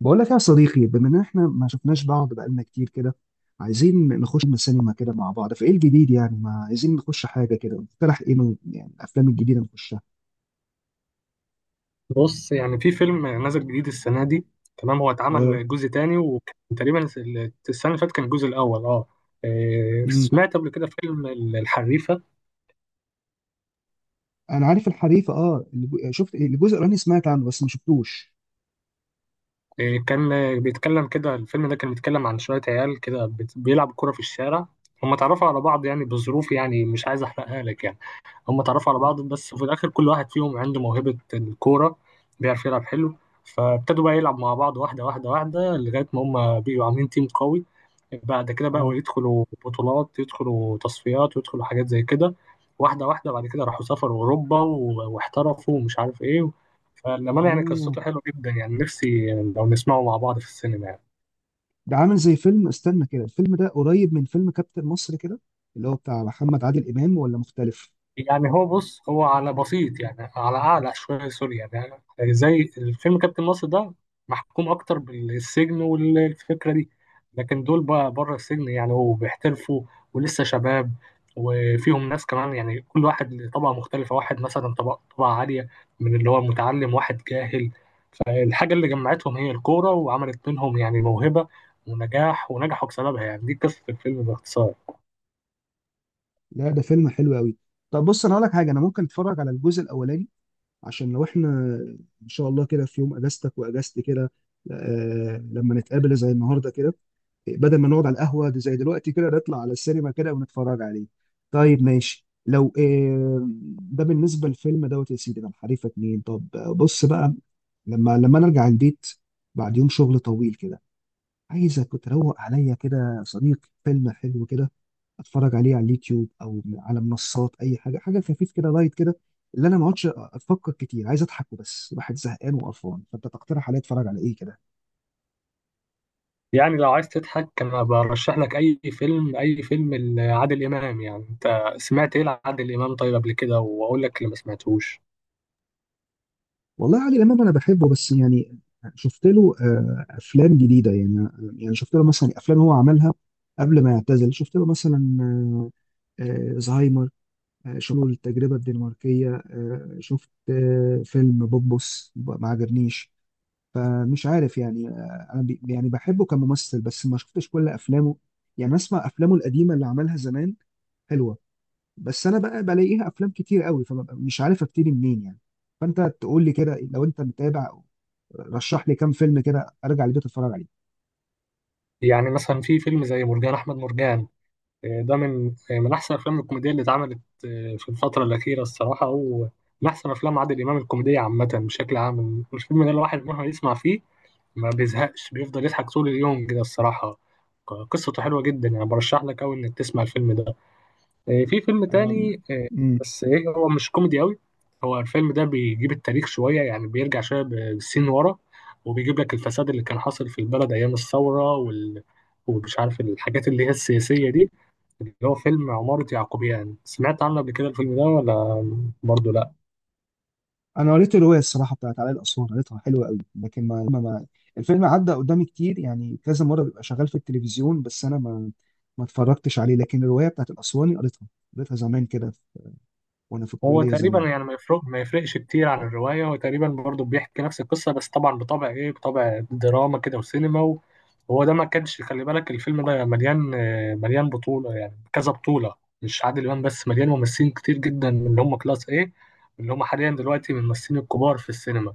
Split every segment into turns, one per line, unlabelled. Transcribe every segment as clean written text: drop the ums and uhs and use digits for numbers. بقول لك يا صديقي، بما ان احنا ما شفناش بعض بقالنا كتير كده، عايزين نخش السينما كده مع بعض، فايه الجديد؟ يعني ما عايزين نخش حاجه كده، اقترح ايه من يعني الافلام الجديده نخشها؟
بص يعني في فيلم نازل جديد السنة دي. تمام، هو
اه.
اتعمل جزء تاني وكان تقريبا السنة اللي فاتت كان الجزء الأول اه. إيه،
امم
سمعت قبل كده فيلم الحريفة.
انا عارف الحريفه. شفت إيه؟ الجزء الاولاني سمعت عنه بس ما شفتوش.
إيه، كان بيتكلم كده. الفيلم ده كان بيتكلم عن شوية عيال كده بيلعبوا كرة في الشارع. هم اتعرفوا على بعض يعني بظروف، يعني مش عايز أحرقها لك يعني. هم اتعرفوا على
اه.
بعض بس في الاخر كل واحد فيهم عنده موهبة الكورة، بيعرف يلعب حلو. فابتدوا بقى يلعب مع بعض واحدة واحدة واحدة لغاية ما هم بقوا عاملين تيم قوي. بعد كده بقوا
اه.
يدخلوا بطولات، يدخلوا تصفيات، ويدخلوا حاجات زي كده. واحدة واحدة بعد كده راحوا سافروا أوروبا واحترفوا ومش عارف إيه. فالأمانة يعني
مم.
قصته حلوة جدا، يعني نفسي لو نسمعه مع بعض في السينما يعني.
ده عامل زي فيلم، استنى كده، الفيلم ده قريب من فيلم كابتن مصر كده، اللي هو بتاع محمد عادل امام، ولا مختلف؟
يعني هو بص، هو على بسيط يعني، على اعلى شويه، سوري، يعني يعني زي الفيلم كابتن مصر ده محكوم اكتر بالسجن والفكره دي. لكن دول بقى بره السجن يعني وبيحترفوا ولسه شباب. وفيهم ناس كمان، يعني كل واحد له طبقه مختلفه، واحد مثلا طبقه عاليه من اللي هو متعلم، واحد جاهل. فالحاجه اللي جمعتهم هي الكوره، وعملت منهم يعني موهبه ونجاح، ونجحوا بسببها، يعني دي قصه الفيلم باختصار.
لا، ده فيلم حلو قوي. طب بص انا اقول لك حاجه، انا ممكن اتفرج على الجزء الاولاني، عشان لو احنا ان شاء الله كده في يوم اجازتك واجازتي كده، لما نتقابل زي النهارده كده، بدل ما نقعد على القهوه دي زي دلوقتي كده، نطلع على السينما كده ونتفرج عليه. طيب ماشي لو ده بالنسبه للفيلم دوت يا سيدي، ده حريفه 2. طب بص بقى، لما انا ارجع البيت بعد يوم شغل طويل كده، عايزك تروق عليا كده يا صديق، فيلم حلو كده، اتفرج عليه على اليوتيوب او على منصات، اي حاجه، حاجه خفيف كده، لايت كده، اللي انا ما اقعدش افكر كتير، عايز اضحك وبس، الواحد زهقان وقرفان، فانت تقترح عليا اتفرج على ايه كده؟
يعني لو عايز تضحك انا برشح لك اي فيلم، اي فيلم لعادل امام، يعني انت سمعت ايه لعادل امام طيب قبل كده واقول لك اللي ما سمعتوش.
والله عادل امام انا بحبه، بس يعني شفت له افلام جديده يعني؟ يعني شفت له مثلا افلام هو عملها قبل ما يعتزل، شفت له مثلا زهايمر، شفت له التجربه الدنماركيه، شفت فيلم بوبوس، ما عجبنيش. فمش عارف يعني، انا يعني بحبه كممثل، بس ما شفتش كل افلامه. يعني اسمع افلامه القديمه اللي عملها زمان، حلوه. بس انا بقى بلاقيها افلام كتير قوي، فببقى مش عارف ابتدي منين يعني. فانت تقول لي كده لو انت متابع، رشح لي كام فيلم كده ارجع البيت اتفرج عليه.
يعني مثلا في فيلم زي مرجان احمد مرجان، إيه، ده من إيه، من احسن افلام الكوميديا اللي اتعملت إيه، في الفتره الاخيره الصراحه، ومن احسن افلام عادل امام الكوميديه عامه بشكل عام. الفيلم ده الواحد مهما يسمع فيه ما بيزهقش، بيفضل يضحك طول اليوم كده الصراحه. قصته حلوه جدا يعني، برشح لك قوي انك تسمع الفيلم ده. في فيلم
أم،
تاني
مم.
بس ايه هو مش كوميدي قوي. هو الفيلم ده بيجيب التاريخ شوية يعني، بيرجع شوية بالسين ورا، وبيجيب لك الفساد اللي كان حاصل في البلد أيام الثورة، ومش عارف الحاجات اللي هي السياسية دي. اللي هو فيلم عمارة يعقوبيان، سمعت عنه قبل كده الفيلم ده ولا؟ برضه لأ؟
انا قريت الروايه الصراحه بتاعت علاء الاسوار، قريتها حلوه قوي، لكن الفيلم عدى قدامي كتير يعني، كذا مره بيبقى شغال في التلفزيون، بس انا ما اتفرجتش عليه، لكن الروايه بتاعت الاسواني قريتها، قريتها زمان كده وانا في
هو
الكليه
تقريبا
زمان.
يعني ما يفرقش كتير عن الرواية، هو تقريبا برضه بيحكي نفس القصة، بس طبعا بطبع ايه، بطبع دراما كده وسينما وهو ده. ما كانش خلي بالك، الفيلم ده مليان مليان بطولة، يعني كذا بطولة، مش عادل إمام بس، مليان ممثلين كتير جدا من اللي هم كلاس ايه، اللي هم حاليا دلوقتي من الممثلين الكبار في السينما.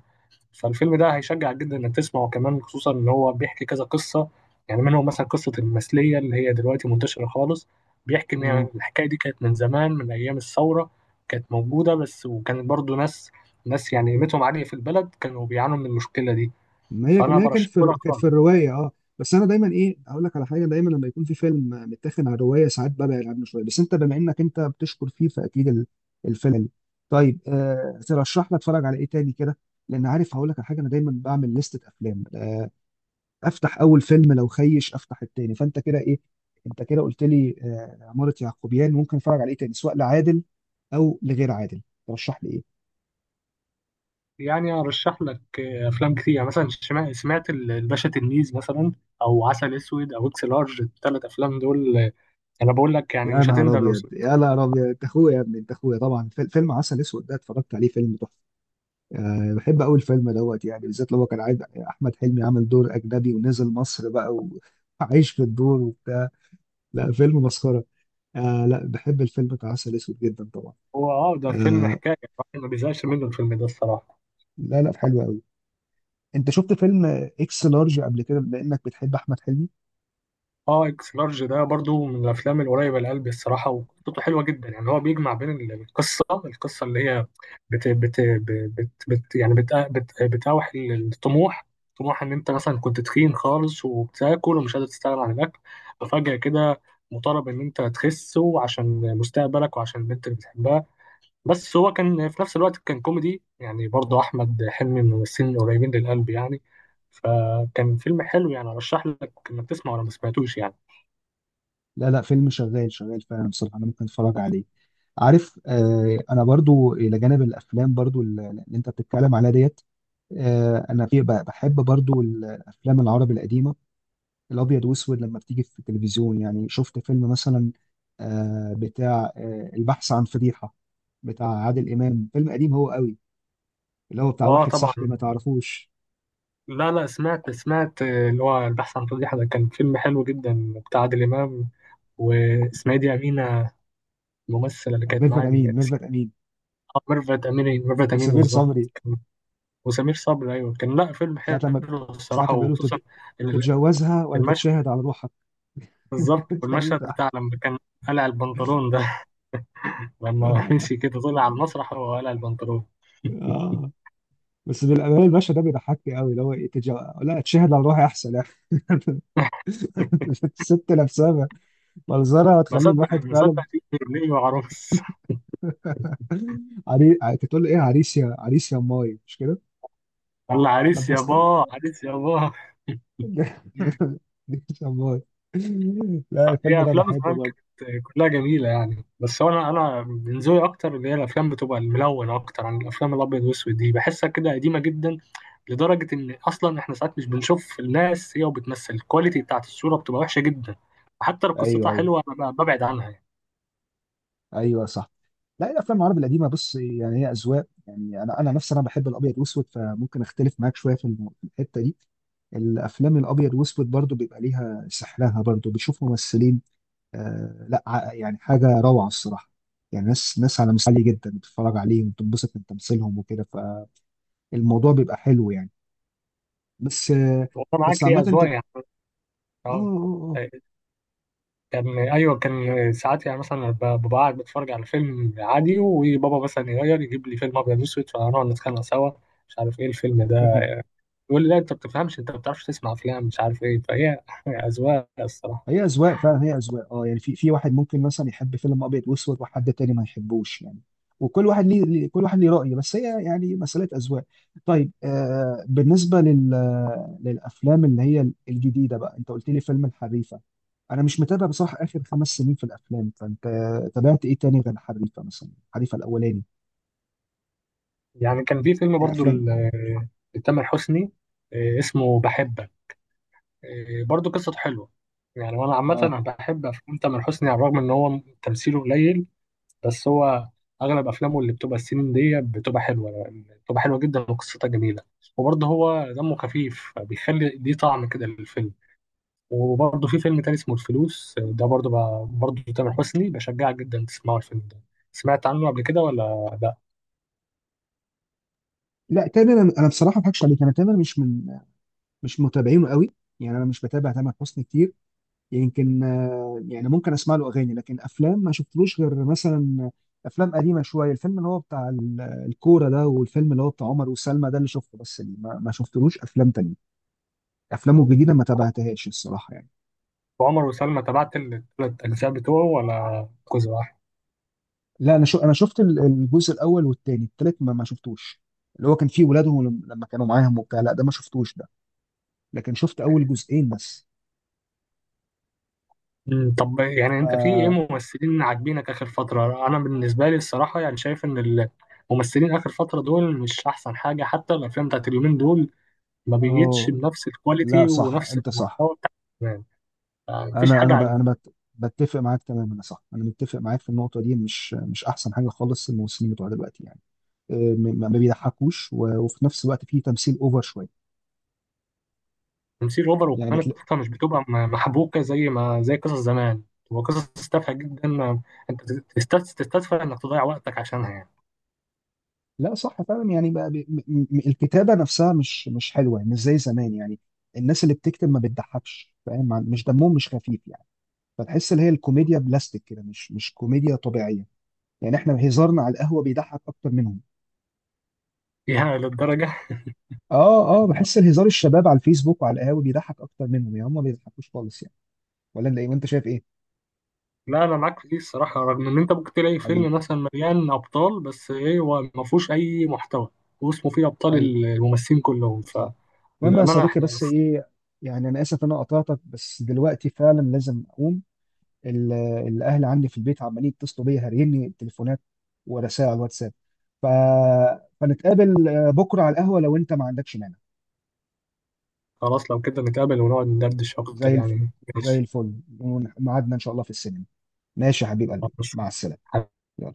فالفيلم ده هيشجع جدا انك تسمعه كمان، خصوصا ان هو بيحكي كذا قصه. يعني منهم مثلا قصه المثليه اللي هي دلوقتي منتشره خالص، بيحكي ان
اه.
الحكايه دي كانت من زمان، من ايام الثوره، كانت موجوده بس، وكانت برضو ناس يعني قيمتهم عاليه في البلد كانوا بيعانوا من المشكله دي.
ما هي
فانا
ما هي كانت
برشحه لك
كانت
خالص.
في الروايه، اه. بس انا دايما ايه اقول لك على حاجه، دايما لما يكون في فيلم متاخد على الروايه ساعات ببعد عنه شويه، بس انت بما انك انت بتشكر فيه فاكيد الفيلم حلو. طيب ترشح لي اتفرج على ايه تاني كده؟ لان عارف هقول لك على حاجه، انا دايما بعمل لستة افلام، افتح اول فيلم، لو خيش افتح التاني، فانت كده ايه؟ انت كده قلت لي عماره يعقوبيان، ممكن اتفرج على ايه تاني سواء لعادل او لغير عادل؟ ترشح لي ايه؟
يعني ارشح لك افلام كتير، يعني مثلا سمعت الباشا تلميذ مثلا، او عسل اسود، او اكس لارج، الثلاث افلام دول انا بقول لك يعني
يا
مش
نهار
هتندم لو.
ابيض، يا نهار ابيض، انت اخويا يا ابني، انت اخويا. طبعا فيلم عسل اسود ده اتفرجت عليه، فيلم تحفه. أه، بحب اول فيلم دوت يعني، بالذات لو هو كان عايز، احمد حلمي عمل دور اجنبي ونزل مصر بقى وعايش في الدور وبتاع. لا، فيلم مسخره. أه، لا بحب الفيلم بتاع عسل اسود جدا طبعا.
هو ده فيلم،
أه،
حكاية الواحد ما بيزهقش منه الفيلم ده الصراحة.
لا لا، حلو قوي. انت شفت فيلم اكس لارج قبل كده بما انك بتحب احمد حلمي؟
اه، اكس لارج ده برضو من الافلام القريبة لقلبي الصراحة، وقصته حلوة جدا، يعني هو بيجمع بين القصة، اللي هي بت بت بت, بت يعني بت بت بتاوح الطموح. طموح ان انت مثلا كنت تخين خالص وبتاكل ومش قادر تستغنى عن الاكل، ففجأة كده مطالب ان انت تخس، وعشان مستقبلك وعشان البنت اللي بتحبها. بس هو كان في نفس الوقت كان كوميدي، يعني برضو احمد حلمي من الممثلين القريبين للقلب يعني. فكان فيلم حلو، يعني ارشح لك انك تسمعه لو ما سمعتوش يعني.
لا لا، فيلم شغال شغال فعلا بصراحة، أنا ممكن أتفرج عليه. عارف، أنا برضو إلى جانب الأفلام برضو اللي أنت بتتكلم عليها ديت، أنا في بحب برضو الأفلام العربي القديمة، الأبيض وأسود لما بتيجي في التلفزيون يعني، شفت فيلم مثلا بتاع البحث عن فضيحة، بتاع عادل إمام، فيلم قديم هو قوي، اللي هو بتاع
اه،
واحد صاحبي
طبعا.
ما تعرفوش.
لا لا، سمعت، اللي هو البحث عن ترجيح، ده كان فيلم حلو جدا بتاع عادل امام. واسمها إيه دي، امينه؟ الممثله اللي كانت
ميرفت
معايا دي
أمين،
كانت
ميرفت أمين.
آه، ميرفت امين، ميرفت امين
وسمير
بالظبط.
صبري.
كان- وسمير صبري، ايوه كان، لا فيلم
ساعة
حلو
لما ساعة
الصراحه،
لما بيقولوا
وخصوصا ال-
تتجوزها ولا
المشهد
تتشاهد على روحها.
بالظبط،
التاني
والمشهد
بتاع.
بتاع لما كان قلع البنطلون ده. لما مشي كده طلع على المسرح وهو قلع البنطلون.
اه بس بالامانه الباشا ده بيضحكني قوي، اللي هو ايه لا اتشهد على روحي احسن يعني. الست نفسها منظرها
ما
هتخلي
صدق
الواحد
ما صدق
فعلا
دي ابني وعروس.
تقول له ايه، عريس يا عريس يا ماي، مش كده؟
الله، عريس
لبستك.
يابا، عريس يابا.
عريس يا ماي. لا الفيلم
هي
ده
افلام
بحبه
زمان
برضه.
كانت كلها جميله يعني، بس هو انا من ذوقي اكتر اللي هي الافلام بتبقى الملونه اكتر عن الافلام الابيض والاسود دي، بحسها كده قديمه جدا. لدرجه ان اصلا احنا ساعات مش بنشوف الناس هي وبتمثل، الكواليتي بتاعت الصوره بتبقى وحشه جدا. حتى لو
ايوه،
قصتها
ايوه.
حلوه انا ببعد عنها يعني.
ايوه صح. لا، الافلام العربي القديمه بص يعني هي اذواق يعني، انا نفسي انا بحب الابيض واسود، فممكن اختلف معاك شويه في الحته دي. الافلام الابيض واسود برضو بيبقى ليها سحرها، برضو بتشوف ممثلين. لا، يعني حاجه روعه الصراحه. يعني ناس ناس على مستوى عالي جدا بتتفرج عليهم وتنبسط من تمثيلهم وكده، فالموضوع بيبقى حلو يعني. بس
والله معاك،
بس
هي
عامه انت.
اذواق يعني.
اه.
اه. كان، ايوه، كان ساعات يعني مثلا ببقى قاعد بتفرج على فيلم عادي، وبابا مثلا يغير يجيب لي فيلم ابيض واسود، فنقعد نتخانق سوا، مش عارف ايه
اه.
الفيلم
اه.
ده. يقول لي لا انت ما بتفهمش، انت ما بتعرفش تسمع افلام مش عارف ايه، فهي اذواق الصراحه.
هي اذواق فعلا، هي اذواق. اه يعني في واحد ممكن مثلا يحب فيلم ابيض واسود، وحد تاني ما يحبوش يعني. وكل واحد ليه كل واحد ليه رأي، بس هي يعني مسألة اذواق. طيب، بالنسبة للافلام اللي هي الجديدة بقى، انت قلت لي فيلم الحريفة. انا مش متابع بصراحة اخر 5 سنين في الافلام، فانت تابعت ايه تاني غير الحريفة؟ مثلا الحريفة الاولاني،
يعني كان في فيلم
يعني
برضو
افلام.
لتامر حسني، اسمه بحبك، برضو قصته حلوه. يعني وانا عامه
اه،
انا بحب افلام تامر حسني على الرغم ان هو تمثيله قليل، بس هو اغلب افلامه اللي بتبقى السنين دي بتبقى حلوه، بتبقى حلوه جدا وقصتها جميله. وبرضه هو دمه خفيف بيخلي دي طعم كده للفيلم. وبرضه في فيلم تاني اسمه الفلوس، ده برضه تامر حسني، بشجعك جدا تسمعوا الفيلم ده، سمعت عنه قبل كده ولا لا؟
لا تامر، انا بصراحة ما اضحكش عليك، انا تامر مش متابعينه قوي. يعني انا مش بتابع تامر حسني كتير. يمكن يعني ممكن اسمع له اغاني، لكن افلام ما شفتلوش غير مثلا افلام قديمه شويه، الفيلم اللي هو بتاع الكوره ده، والفيلم اللي هو بتاع عمر وسلمى، ده اللي شفته بس يعني، ما شفتلوش افلام تانية. افلامه الجديده ما تابعتهاش الصراحه يعني.
وعمر وسلمى تابعت الثلاث اجزاء بتوعه ولا جزء واحد؟
لا، انا انا شفت الجزء الاول والتاني، التالت ما شفتوش. اللي هو كان فيه ولادهم لما كانوا معاهم وبتاع، لا ده ما شفتوش ده. لكن شفت اول جزئين بس.
مم، طب يعني
ف
انت في ايه ممثلين عاجبينك اخر فتره؟ انا بالنسبه لي الصراحه يعني شايف ان ممثلين اخر فتره دول مش احسن حاجه، حتى الافلام بتاعت اليومين دول ما بيجيتش
اه
بنفس
لا
الكواليتي
صح،
ونفس
انت صح.
المحتوى بتاع زمان. مفيش
انا
حاجة.
انا بقى
عن
انا بتفق معاك تماما يا صاحبي، انا متفق معاك في النقطه دي، مش احسن حاجه خالص الممثلين بتوع دلوقتي يعني، ما بيضحكوش، و- وفي نفس الوقت فيه تمثيل اوفر شويه.
تمثيل أوفر،
يعني
وكمان
بتلاقي.
القصة مش بتبقى محبوكة زي ما زي قصص زمان، بتبقى قصص تافهة جدا، أنت تستدفى إنك تضيع وقتك عشانها يعني.
لا صح فعلا يعني بقى، الكتابه نفسها مش حلوه يعني، مش زي زمان يعني. الناس اللي بتكتب ما بتضحكش فاهم، مش دمهم، مش خفيف يعني. فتحس اللي هي الكوميديا بلاستيك كده، مش كوميديا طبيعيه. يعني احنا هزارنا على القهوه بيضحك اكتر منهم.
يا للدرجة.
اه، اه، بحس الهزار الشباب على الفيسبوك وعلى القهاوي بيضحك اكتر منهم، يا هم ما بيضحكوش خالص يعني. ولا انت ايه؟ وانت شايف ايه؟
لا، أنا معاك في دي الصراحة، رغم إن أنت ممكن تلاقي
علي.
فيلم مثلا مليان أبطال بس إيه، هو ما فيهوش أي محتوى. واسمه فيه أبطال،
ايوه.
الممثلين كلهم.
صح. المهم يا
فالأمانة
صديقي،
إحنا.
بس ايه، يعني انا اسف ان انا قطعتك، بس دلوقتي فعلا لازم اقوم، ال- الاهل عندي في البيت عمالين يتصلوا بيا هاريني تليفونات ورسائل على الواتساب، ف... فنتقابل بكره على القهوه لو انت ما عندكش مانع.
خلاص، لو كده نتقابل ونقعد ندردش أكتر
زي الفل،
يعني،
زي
ماشي.
الفل. ميعادنا ان شاء الله في السينما. ماشي يا حبيب قلبي، مع السلامه. يلا.
خلاص.